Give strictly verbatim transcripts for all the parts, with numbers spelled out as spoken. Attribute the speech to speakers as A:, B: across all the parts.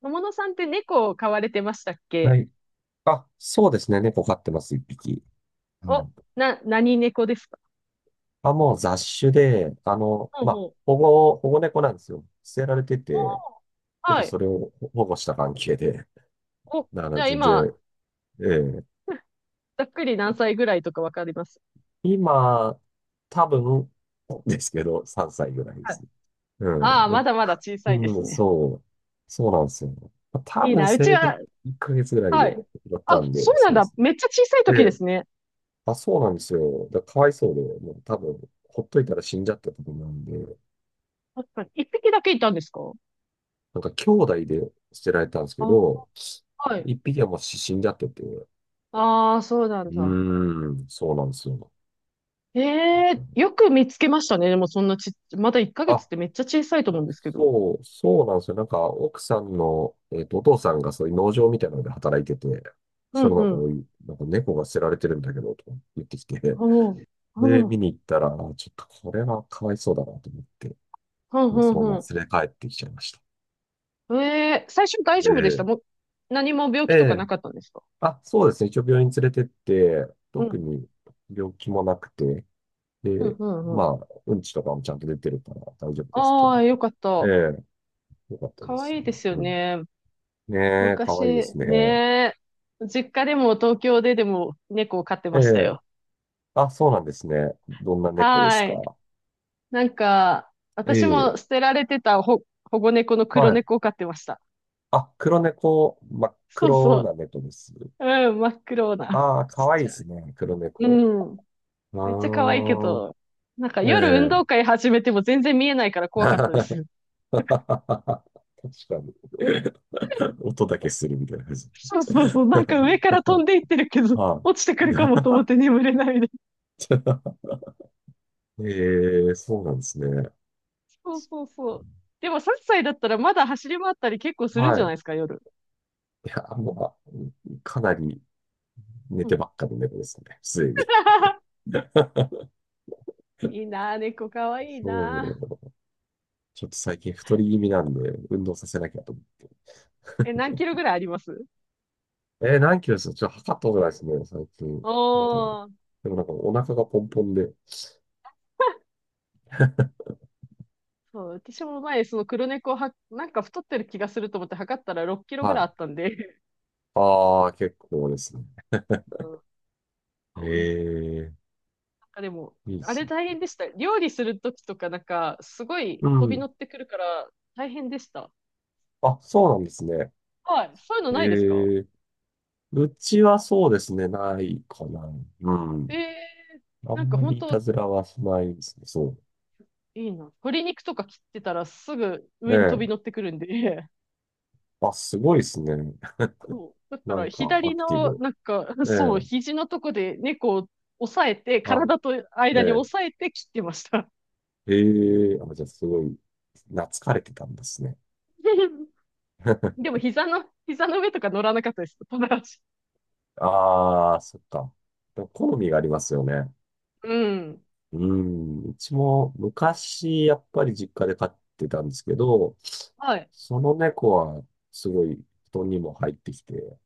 A: 友野さんって猫を飼われてましたっ
B: は
A: け？
B: い。あ、そうですね。猫飼ってます、一匹。は
A: お、
B: い。
A: な、何猫ですか？
B: あ、もう雑種で、あの、
A: ほう
B: まあ、
A: ほう。
B: 保護、保護猫なんですよ。捨てられて
A: お
B: て、
A: ー
B: ちょっと
A: はい。
B: それを保護した関係で、
A: お、
B: だか
A: じ
B: ら
A: ゃあ
B: 全
A: 今、
B: 然、ええ、
A: ざっくり何歳ぐらいとかわかります？
B: 今、多分、ですけど、さんさいぐらいで
A: はい。
B: す。う
A: ああ、ま
B: ん。
A: だまだ
B: た
A: 小さいで
B: う
A: す
B: ん、
A: ね。
B: そう。そうなんですよ。多
A: いい
B: 分
A: な。うち
B: 生後1
A: は、
B: ヶ月ぐらい
A: は
B: で
A: い。
B: 拾っ
A: あ、
B: たん
A: そ
B: で、
A: うな
B: そ
A: ん
B: うで
A: だ。
B: す。
A: めっちゃ小さい
B: え
A: 時で
B: え、
A: すね。
B: あ、そうなんですよ。だからかわいそうで、もう多分、ほっといたら死んじゃったと思うんで、
A: 確かに。一匹だけいたんですか？
B: なんか兄弟で捨てられたんですけ
A: あ、
B: ど、
A: はい。
B: 一匹はもう死んじゃってて、う
A: ああ、そうなんだ。
B: ーん、そうなんですよ。
A: ええ、よく見つけましたね。でもそんなちっ、まだいっかげつ
B: あ、
A: ってめっちゃ小さいと思うんですけど。
B: そう、そうなんですよ。なんか、奥さんの、えっと、お父さんがそういう農場みたいなので働いてて、
A: う
B: そ
A: ん
B: のな
A: う
B: んか、お
A: ん。
B: いなんか猫が捨てられてるんだけど、とか言ってきて、
A: おおー。
B: で、
A: う
B: 見
A: ん。
B: に行ったら、あ、ちょっとこれはかわいそうだなと思って、
A: う
B: もうそ
A: ん
B: のま
A: う
B: ま
A: ん。
B: 連れ帰ってきちゃいました。
A: ええ、最初大丈夫でした
B: ええ
A: もう、何も病
B: え
A: 気とか
B: え、
A: なかったんですか？
B: あ、そうですね。一応病院連れてって、
A: うん、
B: 特に病気もなくて、
A: うん、
B: で、
A: うん、う
B: ま
A: ん。
B: あ、うんちとかもちゃんと出てるから大丈夫ですって
A: あ
B: 言わ
A: あ、よかった。
B: れて。ええ、よかったで
A: 可
B: す
A: 愛いで
B: ね。
A: すよ
B: うん。
A: ね。
B: ねえ、かわいいで
A: 昔、
B: すね。
A: ねえ、実家でも東京ででも猫を飼って
B: え
A: ました
B: え、
A: よ。
B: あ、そうなんですね。どんな猫です
A: はい。
B: か？
A: なんか、
B: え
A: 私
B: え、
A: も捨てられてたほ保護猫の黒
B: はい。
A: 猫を飼ってました。
B: あ、黒猫、真っ
A: そう
B: 黒
A: そ
B: な
A: う。
B: 猫です。
A: うん、真っ黒な。
B: ああ、か
A: ちっ
B: わいい
A: ち
B: で
A: ゃい。
B: すね。黒猫。
A: うん。
B: あ
A: めっちゃ可愛いけど、
B: あ、
A: なんか夜運
B: え
A: 動
B: え。
A: 会始めても全然見えないから怖かったです。
B: 確かに。音だけするみたいな感じ。
A: そうそうそう、なんか上 から飛んでいってるけど、
B: は
A: 落ちてくるかもと思って眠れないで。
B: い。ええ、そうなんですね。
A: そうそうそう。でもさんさいだったらまだ走り回ったり結構するん
B: は
A: じゃない
B: い。
A: ですか、夜。
B: いや、もう、かなり寝
A: う
B: て
A: ん。
B: ばっかの猫ですね。すでに。
A: いいなぁ、猫かわいい
B: そ
A: な
B: う。ちょっと最近太り気味なんで、運動させなきゃと思
A: ぁ。え、何キロぐらいあります？
B: う。えー、何キロですか？ちょっと測ったことないですね、最近。でも
A: おー。
B: でもなんかお腹がポンポンで。
A: そう、私も前、その黒猫は、なんか太ってる気がすると思って測ったらろっキロぐ
B: は
A: らいあっ
B: い。
A: たんで。
B: ああ、結構ですね。
A: うん。そうなん
B: ええ、
A: かでも、
B: いいで
A: あ
B: す
A: れ
B: ね。
A: 大変でした。料理するときとかなんか、すごい
B: う
A: 飛び
B: ん。
A: 乗ってくるから大変でした。
B: あ、そうなんですね。
A: はい。そういうのないですか？
B: ええ、うちはそうですね、ないかな。うん。
A: ええ、
B: あ
A: なん
B: ん
A: か
B: ま
A: 本
B: りいた
A: 当
B: ずらはしないですね。そ
A: いいな。鶏肉とか切ってたらすぐ
B: う。え
A: 上に飛び
B: え。
A: 乗ってくるんで、
B: あ、すごいですね。
A: そ う。だか
B: な
A: ら
B: んか、ア
A: 左
B: クティ
A: の、
B: ブ。
A: なんか、そう、
B: ええ。
A: 肘のとこで猫を押さえて、
B: あ、
A: 体と
B: え
A: 間に
B: え。
A: 押さえて切ってました。
B: ええ。あ、じゃあ、すごい、懐かれてたんですね。
A: でも膝の、膝の上とか乗らなかったです。友達。
B: ああ、そっか。でも好みがありますよね。
A: うん。
B: うん。うちも昔、やっぱり実家で飼ってたんですけど、
A: はい。
B: その猫はすごい布団にも入ってきて、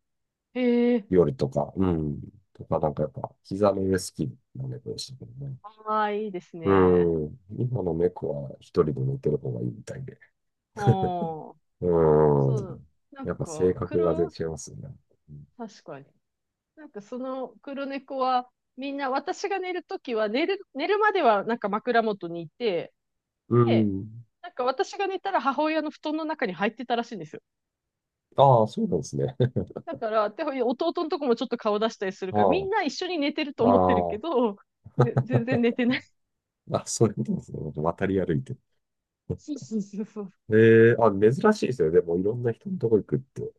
A: へえ。
B: 夜とか、うん。とか、なんかやっぱ、膝の上好きな猫でしたけどね。
A: ああ、いいです
B: う
A: ね。
B: ん。今の猫は一人で寝てる方がいいみたいで。
A: はあ。
B: うん。
A: そう。なん
B: やっぱ性
A: か、
B: 格が全
A: 黒、
B: 然違いますよね。
A: 確かに。なんかその黒猫は、みんな私が寝るときは寝る、寝るまではなんか枕元にいて、
B: う
A: で、
B: ん。
A: なんか私が寝たら母親の布団の中に入ってたらしいんですよ。
B: ああ、そうなんですね。
A: だから、で弟のとこもちょっと顔出したりするから、み
B: あ
A: んな一緒に寝てると思ってる
B: あ、
A: け
B: あ
A: ど、ね、全然寝てない。
B: あ、あ、そういうことですね。渡り歩いて。
A: そうそうそうそう。
B: ええ、あ、珍しいですよね。でも、いろんな人のとこ行くって。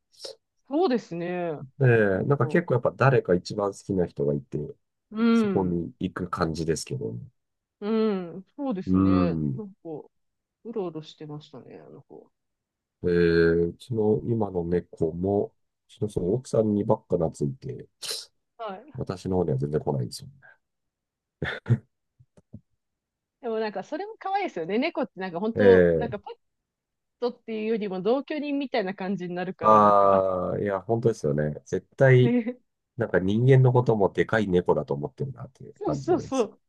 A: そうですね。
B: え
A: な
B: え、
A: ん
B: なんか
A: か、
B: 結構やっぱ誰か一番好きな人がいて、
A: う
B: そこ
A: ん、
B: に行く感じですけどね。
A: うん、そうで
B: う
A: すね。
B: ん。
A: なんか、うろうろしてましたね、あの子。
B: えー、うちの今の猫も、うちのその奥さんにばっか懐いて、
A: はい。
B: 私の方には全然来ないんですよね。
A: でもなんか、それも可愛いですよね。猫ってなんか本当、
B: え
A: なんか
B: え、
A: トっていうよりも同居人みたいな感じになるから、なんか、
B: ああー、いや、本当ですよね。絶対、
A: ね、
B: なんか人間のこともでかい猫だと思ってるなっていう
A: そう
B: 感じ
A: そ
B: があ
A: う
B: りま
A: そ
B: す。
A: う。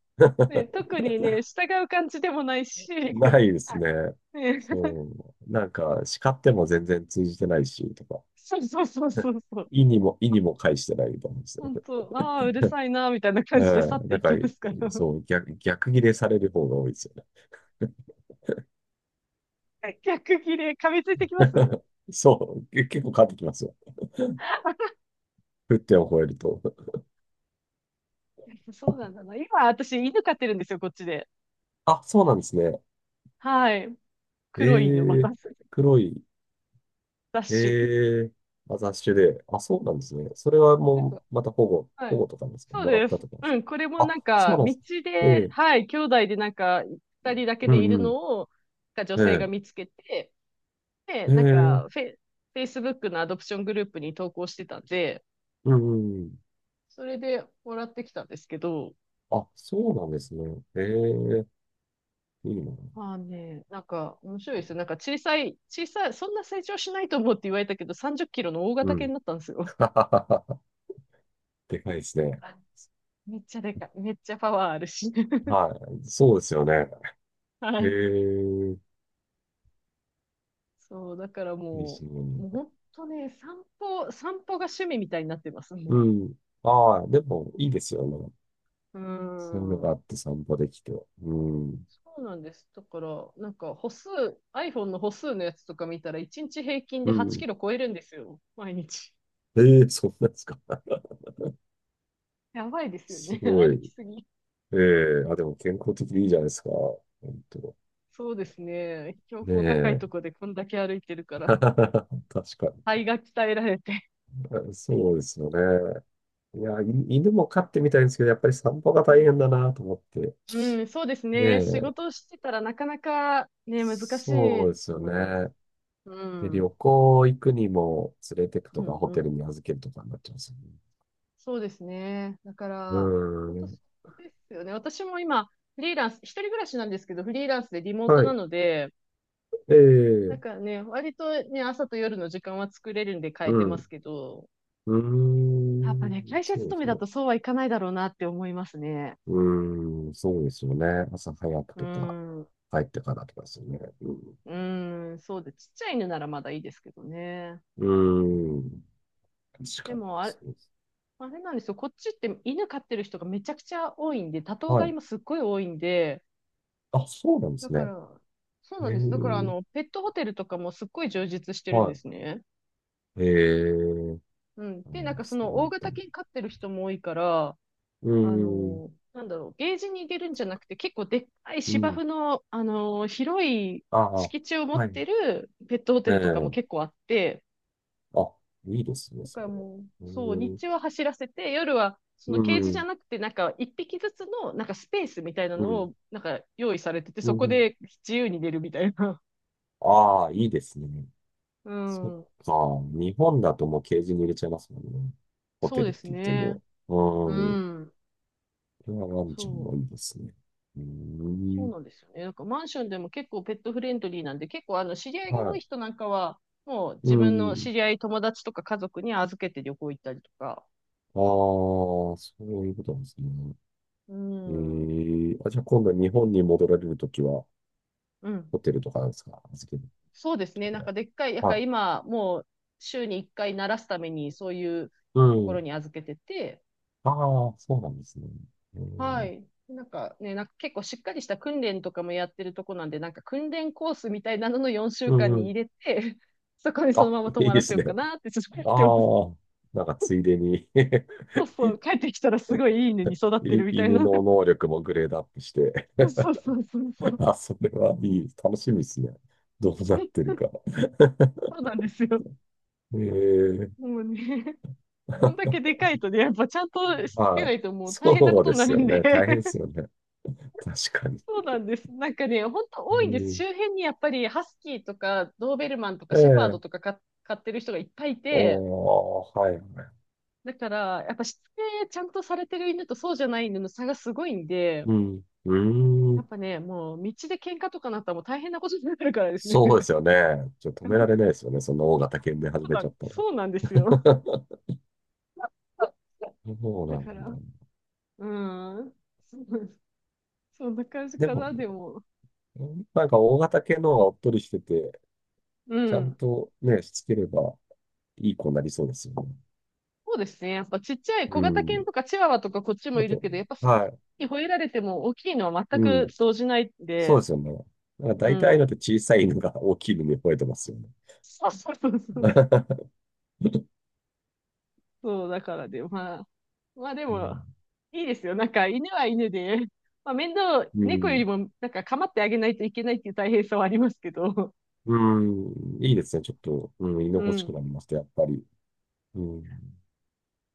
A: ね、特にね、従う感じでもないし、
B: ないですね。
A: ね、
B: そう。なんか、叱っても全然通じてないし、とか、
A: そうそうそうそうそう。
B: 意にも、意にも介してないみたいなんですね。
A: 本当、ああ、うるさいな、みたいな
B: え
A: 感じで去っ
B: え、
A: て
B: なん
A: い
B: か、
A: きますから。
B: そう、逆、逆ギレされる方が多いですよね。
A: はい、逆切れ、噛みついてきます。
B: そう、け結構変わってきますよ。沸点を超えると。
A: そうなんだな。今、私、犬飼ってるんですよ、こっちで。
B: あ、そうなんですね。
A: はい。黒い犬、ま
B: え
A: た、
B: え、黒い、
A: ダッシュ。
B: ええ、まあ雑種で。あ、そうなんですね。それは
A: なん
B: も
A: か
B: う、また保護、
A: は
B: 保
A: い。
B: 護とかなんですか？
A: そう
B: もらっ
A: で
B: た
A: す。
B: とかなんです
A: う
B: か？
A: ん、これもな
B: あ、
A: ん
B: そう
A: か、
B: なんで
A: 道
B: す。え
A: で、
B: え、
A: はい、兄弟でなんか、ふたりだけ
B: う
A: でいる
B: んうん。
A: のを、なんか女性
B: え
A: が見つけて、で、
B: え、え
A: なん
B: え、
A: かフェイ、エフエーシーイービーオー のアドプショングループに投稿してたんで、
B: うんうん。
A: それでもらってきたんですけど、
B: あ、そうなんですね。ええ、いいな。
A: まあね、なんか面白いですよ。なんか小さい、小さい、そんな成長しないと思うって言われたけど、さんじゅっキロの大
B: う
A: 型犬
B: ん。
A: になったんですよ。
B: でかいですね。
A: めっちゃでかい。めっちゃパワーあるし。
B: はい。そうですよね。
A: は
B: え
A: い。
B: え、
A: そう、だから
B: いいで
A: も
B: す
A: う、もう
B: ね。
A: 本当ね、散歩、散歩が趣味みたいになってます。も
B: うん。ああ、でも、いいですよね。
A: う。う
B: そういうの
A: ん。
B: があって散歩できて。うん。
A: そうなんです。だから、なんか歩数、アイフォン の歩数のやつとか見たら、いちにち平均
B: う
A: で8
B: ん。
A: キロ超えるんですよ。毎日。
B: ええ、そうなんですか？
A: やばいですよ
B: す
A: ね。
B: ご い。
A: 歩きすぎ。
B: ええ、あ、でも健康的でいいじゃないですか。本当。
A: そうですね。標
B: ね
A: 高高い
B: え。
A: とこでこんだけ歩いてるか ら、
B: 確かに。
A: 肺が鍛えられて。
B: あ、そうですよね。いや、い犬も飼ってみたいんですけど、やっぱり散歩が
A: う
B: 大変
A: ん。
B: だなと思って。
A: うん、そうです
B: ね
A: ね。仕
B: え。
A: 事をしてたらなかなかね、難し
B: そ
A: い
B: うです
A: と
B: よ
A: 思います。
B: ね。
A: う
B: で、
A: ん。
B: 旅
A: う
B: 行行くにも連れてくとか、
A: ん、
B: ホ
A: う
B: テル
A: ん。
B: に預けるとかになっちゃうんですよね。
A: そうですね。だか
B: う
A: ら、
B: ー
A: 本当
B: ん。
A: そうですよね。私も今、フリーランス、一人暮らしなんですけど、フリーランスでリモート
B: は
A: な
B: い。
A: ので、な
B: え
A: ん
B: え、
A: かね、割とね、朝と夜の時間は作れるんで変
B: う
A: えてま
B: ん。
A: すけど、
B: うー
A: やっぱ
B: ん。
A: ね、会社
B: そう
A: 勤
B: で
A: め
B: す
A: だ
B: ね。
A: とそうはいかないだろうなって思いますね。
B: うーん、そうですよね。朝早
A: うー
B: くとか、
A: ん、う
B: 帰ってからとかですよね。うん。
A: ーん、そうで、ちっちゃい犬ならまだいいですけどね。
B: うーん、確
A: で
B: かに。
A: も、あれ、
B: そうです。
A: あれなんですよ、こっちって犬飼ってる人がめちゃくちゃ多いんで、多頭
B: は
A: 飼い
B: い。
A: もすっごい多いんで、
B: あ、そうなんで
A: だ
B: す
A: か
B: ね。
A: ら、そうな
B: へ
A: ん
B: え、
A: です。だから、あの、ペットホテルとかもすっごい充実してるんで
B: は
A: すね。
B: い。へえ、
A: うん。
B: あ
A: で、なん
B: の
A: かそ
B: そう
A: の
B: だ
A: 大
B: んた
A: 型
B: の。
A: 犬飼ってる人も多いから、
B: うー
A: あ
B: ん、
A: のなんだろう、ゲージに入れるんじゃなくて、結構でっかい
B: う
A: 芝
B: ん。
A: 生の、あの広い
B: ああ、
A: 敷地を持っ
B: はい。
A: てるペットホテ
B: え
A: ルとかも
B: え、
A: 結構あって、
B: あ、いいですね、
A: だ
B: そ
A: から
B: れは。
A: もう、
B: う
A: そう、
B: ー
A: 日
B: ん、
A: 中は走らせて、夜は、その
B: う
A: ケージじゃ
B: ん、
A: なくて、なんか一匹ずつの、なんかスペースみたいな
B: う
A: の
B: ん、
A: を、なんか用意されてて、
B: う
A: そこ
B: ん。
A: で自由に出るみたいな。
B: ああ、いいですね。
A: う
B: そっ
A: ん。
B: か。日本だともうケージに入れちゃいますもんね。ホ
A: そ
B: テ
A: う
B: ル
A: で
B: って
A: す
B: 言って
A: ね。
B: も。
A: う
B: う
A: ん。
B: それはワン
A: そ
B: ちゃん
A: う、
B: もいいですね。うー
A: そう
B: ん。
A: なんですよね。なんかマンションでも結構ペットフレンドリーなんで、結構あの知り合いが
B: は
A: 多い
B: い。
A: 人なんかは、もう
B: う
A: 自分の
B: ん。
A: 知り合い、友達とか家族に預けて旅行行ったりとか。
B: ああ、そういうことなんですね。
A: う
B: え
A: ん、
B: え、あ、じゃあ今度日本に戻られるときは、
A: うん。
B: ホテルとかなんですか？預ける
A: そうです
B: と
A: ね。
B: こ
A: なん
B: ろ
A: かでっかい、なん
B: は。
A: か
B: はい。
A: 今、もう週にいっかい慣らすためにそういう
B: う
A: ところ
B: ん。
A: に預けてて、
B: ああ、そうなんですね。う
A: は
B: ん。
A: い。なんかね、なんか結構しっかりした訓練とかもやってるとこなんで、なんか訓練コースみたいなのの4週
B: うん
A: 間
B: う
A: に
B: ん。
A: 入れて、そこにその
B: あ、
A: まま泊
B: いい
A: ま
B: で
A: らせ
B: す
A: ようか
B: ね。
A: なってちょっと思っ
B: あ
A: てます。
B: あ、なんかついでに
A: そうそう、帰ってきたらすごいいい犬に育ってるみ
B: い
A: たい
B: 犬
A: な。
B: の 能力もグレードアップして
A: そうそうそうそうそ う。
B: あ、それはいい。楽しみですね。どうなってるか。
A: そうなんですよ。
B: ええ、
A: もうね、こんだけでかいとね、やっぱちゃんとしつけ
B: は
A: な
B: い。
A: いともう大変なこ
B: そう
A: と
B: で
A: にな
B: す
A: る
B: よ
A: んで。
B: ね。大変です よね。確かに。
A: そうなんです。なんかね、ほんと多
B: う
A: いんです。
B: ん。
A: 周辺にやっぱりハスキーとかドーベルマンとか
B: え
A: シェパード
B: え。
A: とかか飼ってる人がいっぱいいて、
B: おー、はいはい。
A: だからやっぱしつけちゃんとされてる犬とそうじゃない犬の差がすごいんで、
B: うん。うー
A: やっ
B: ん。
A: ぱね、もう道で喧嘩とかなったらもう大変なことになるからですね。
B: そうですよね。ちょっと止められない ですよね。その大型犬で
A: そ
B: 始
A: う
B: め
A: な
B: ちゃ
A: ん、
B: ったら。
A: そうなんですよ。
B: そう
A: だ
B: なん
A: か
B: だ。
A: ら、うん。そんな感じ
B: で
A: か
B: も、
A: な、でも。
B: なんか大型犬の方がおっとりしてて、
A: う
B: ちゃん
A: ん。
B: とね、しつければいい子になりそうですよね。
A: そうですね。やっぱちっちゃい
B: う
A: 小型犬
B: ん。
A: とかチワワとかこっちも
B: あ
A: いる
B: と、
A: けど、やっぱ、
B: はい。
A: 吠えられても大きいのは全
B: う
A: く
B: ん。
A: 動じないん
B: そう
A: で、
B: ですよね。なんか
A: う
B: 大体のっ
A: ん。
B: て小さい犬が大きい犬に吠えてますよね。
A: そうそうそうそうそう。そうだからで、まあ、まあで
B: う
A: も、
B: ん
A: いいですよ。なんか犬は犬で、まあ面倒、
B: う
A: 猫より
B: ん。
A: もなんか構ってあげないといけないっていう大変さはありますけど、
B: うん。いいですね。ちょっと、うん、居
A: う
B: 心地く
A: ん。
B: なりました、やっぱり。うん。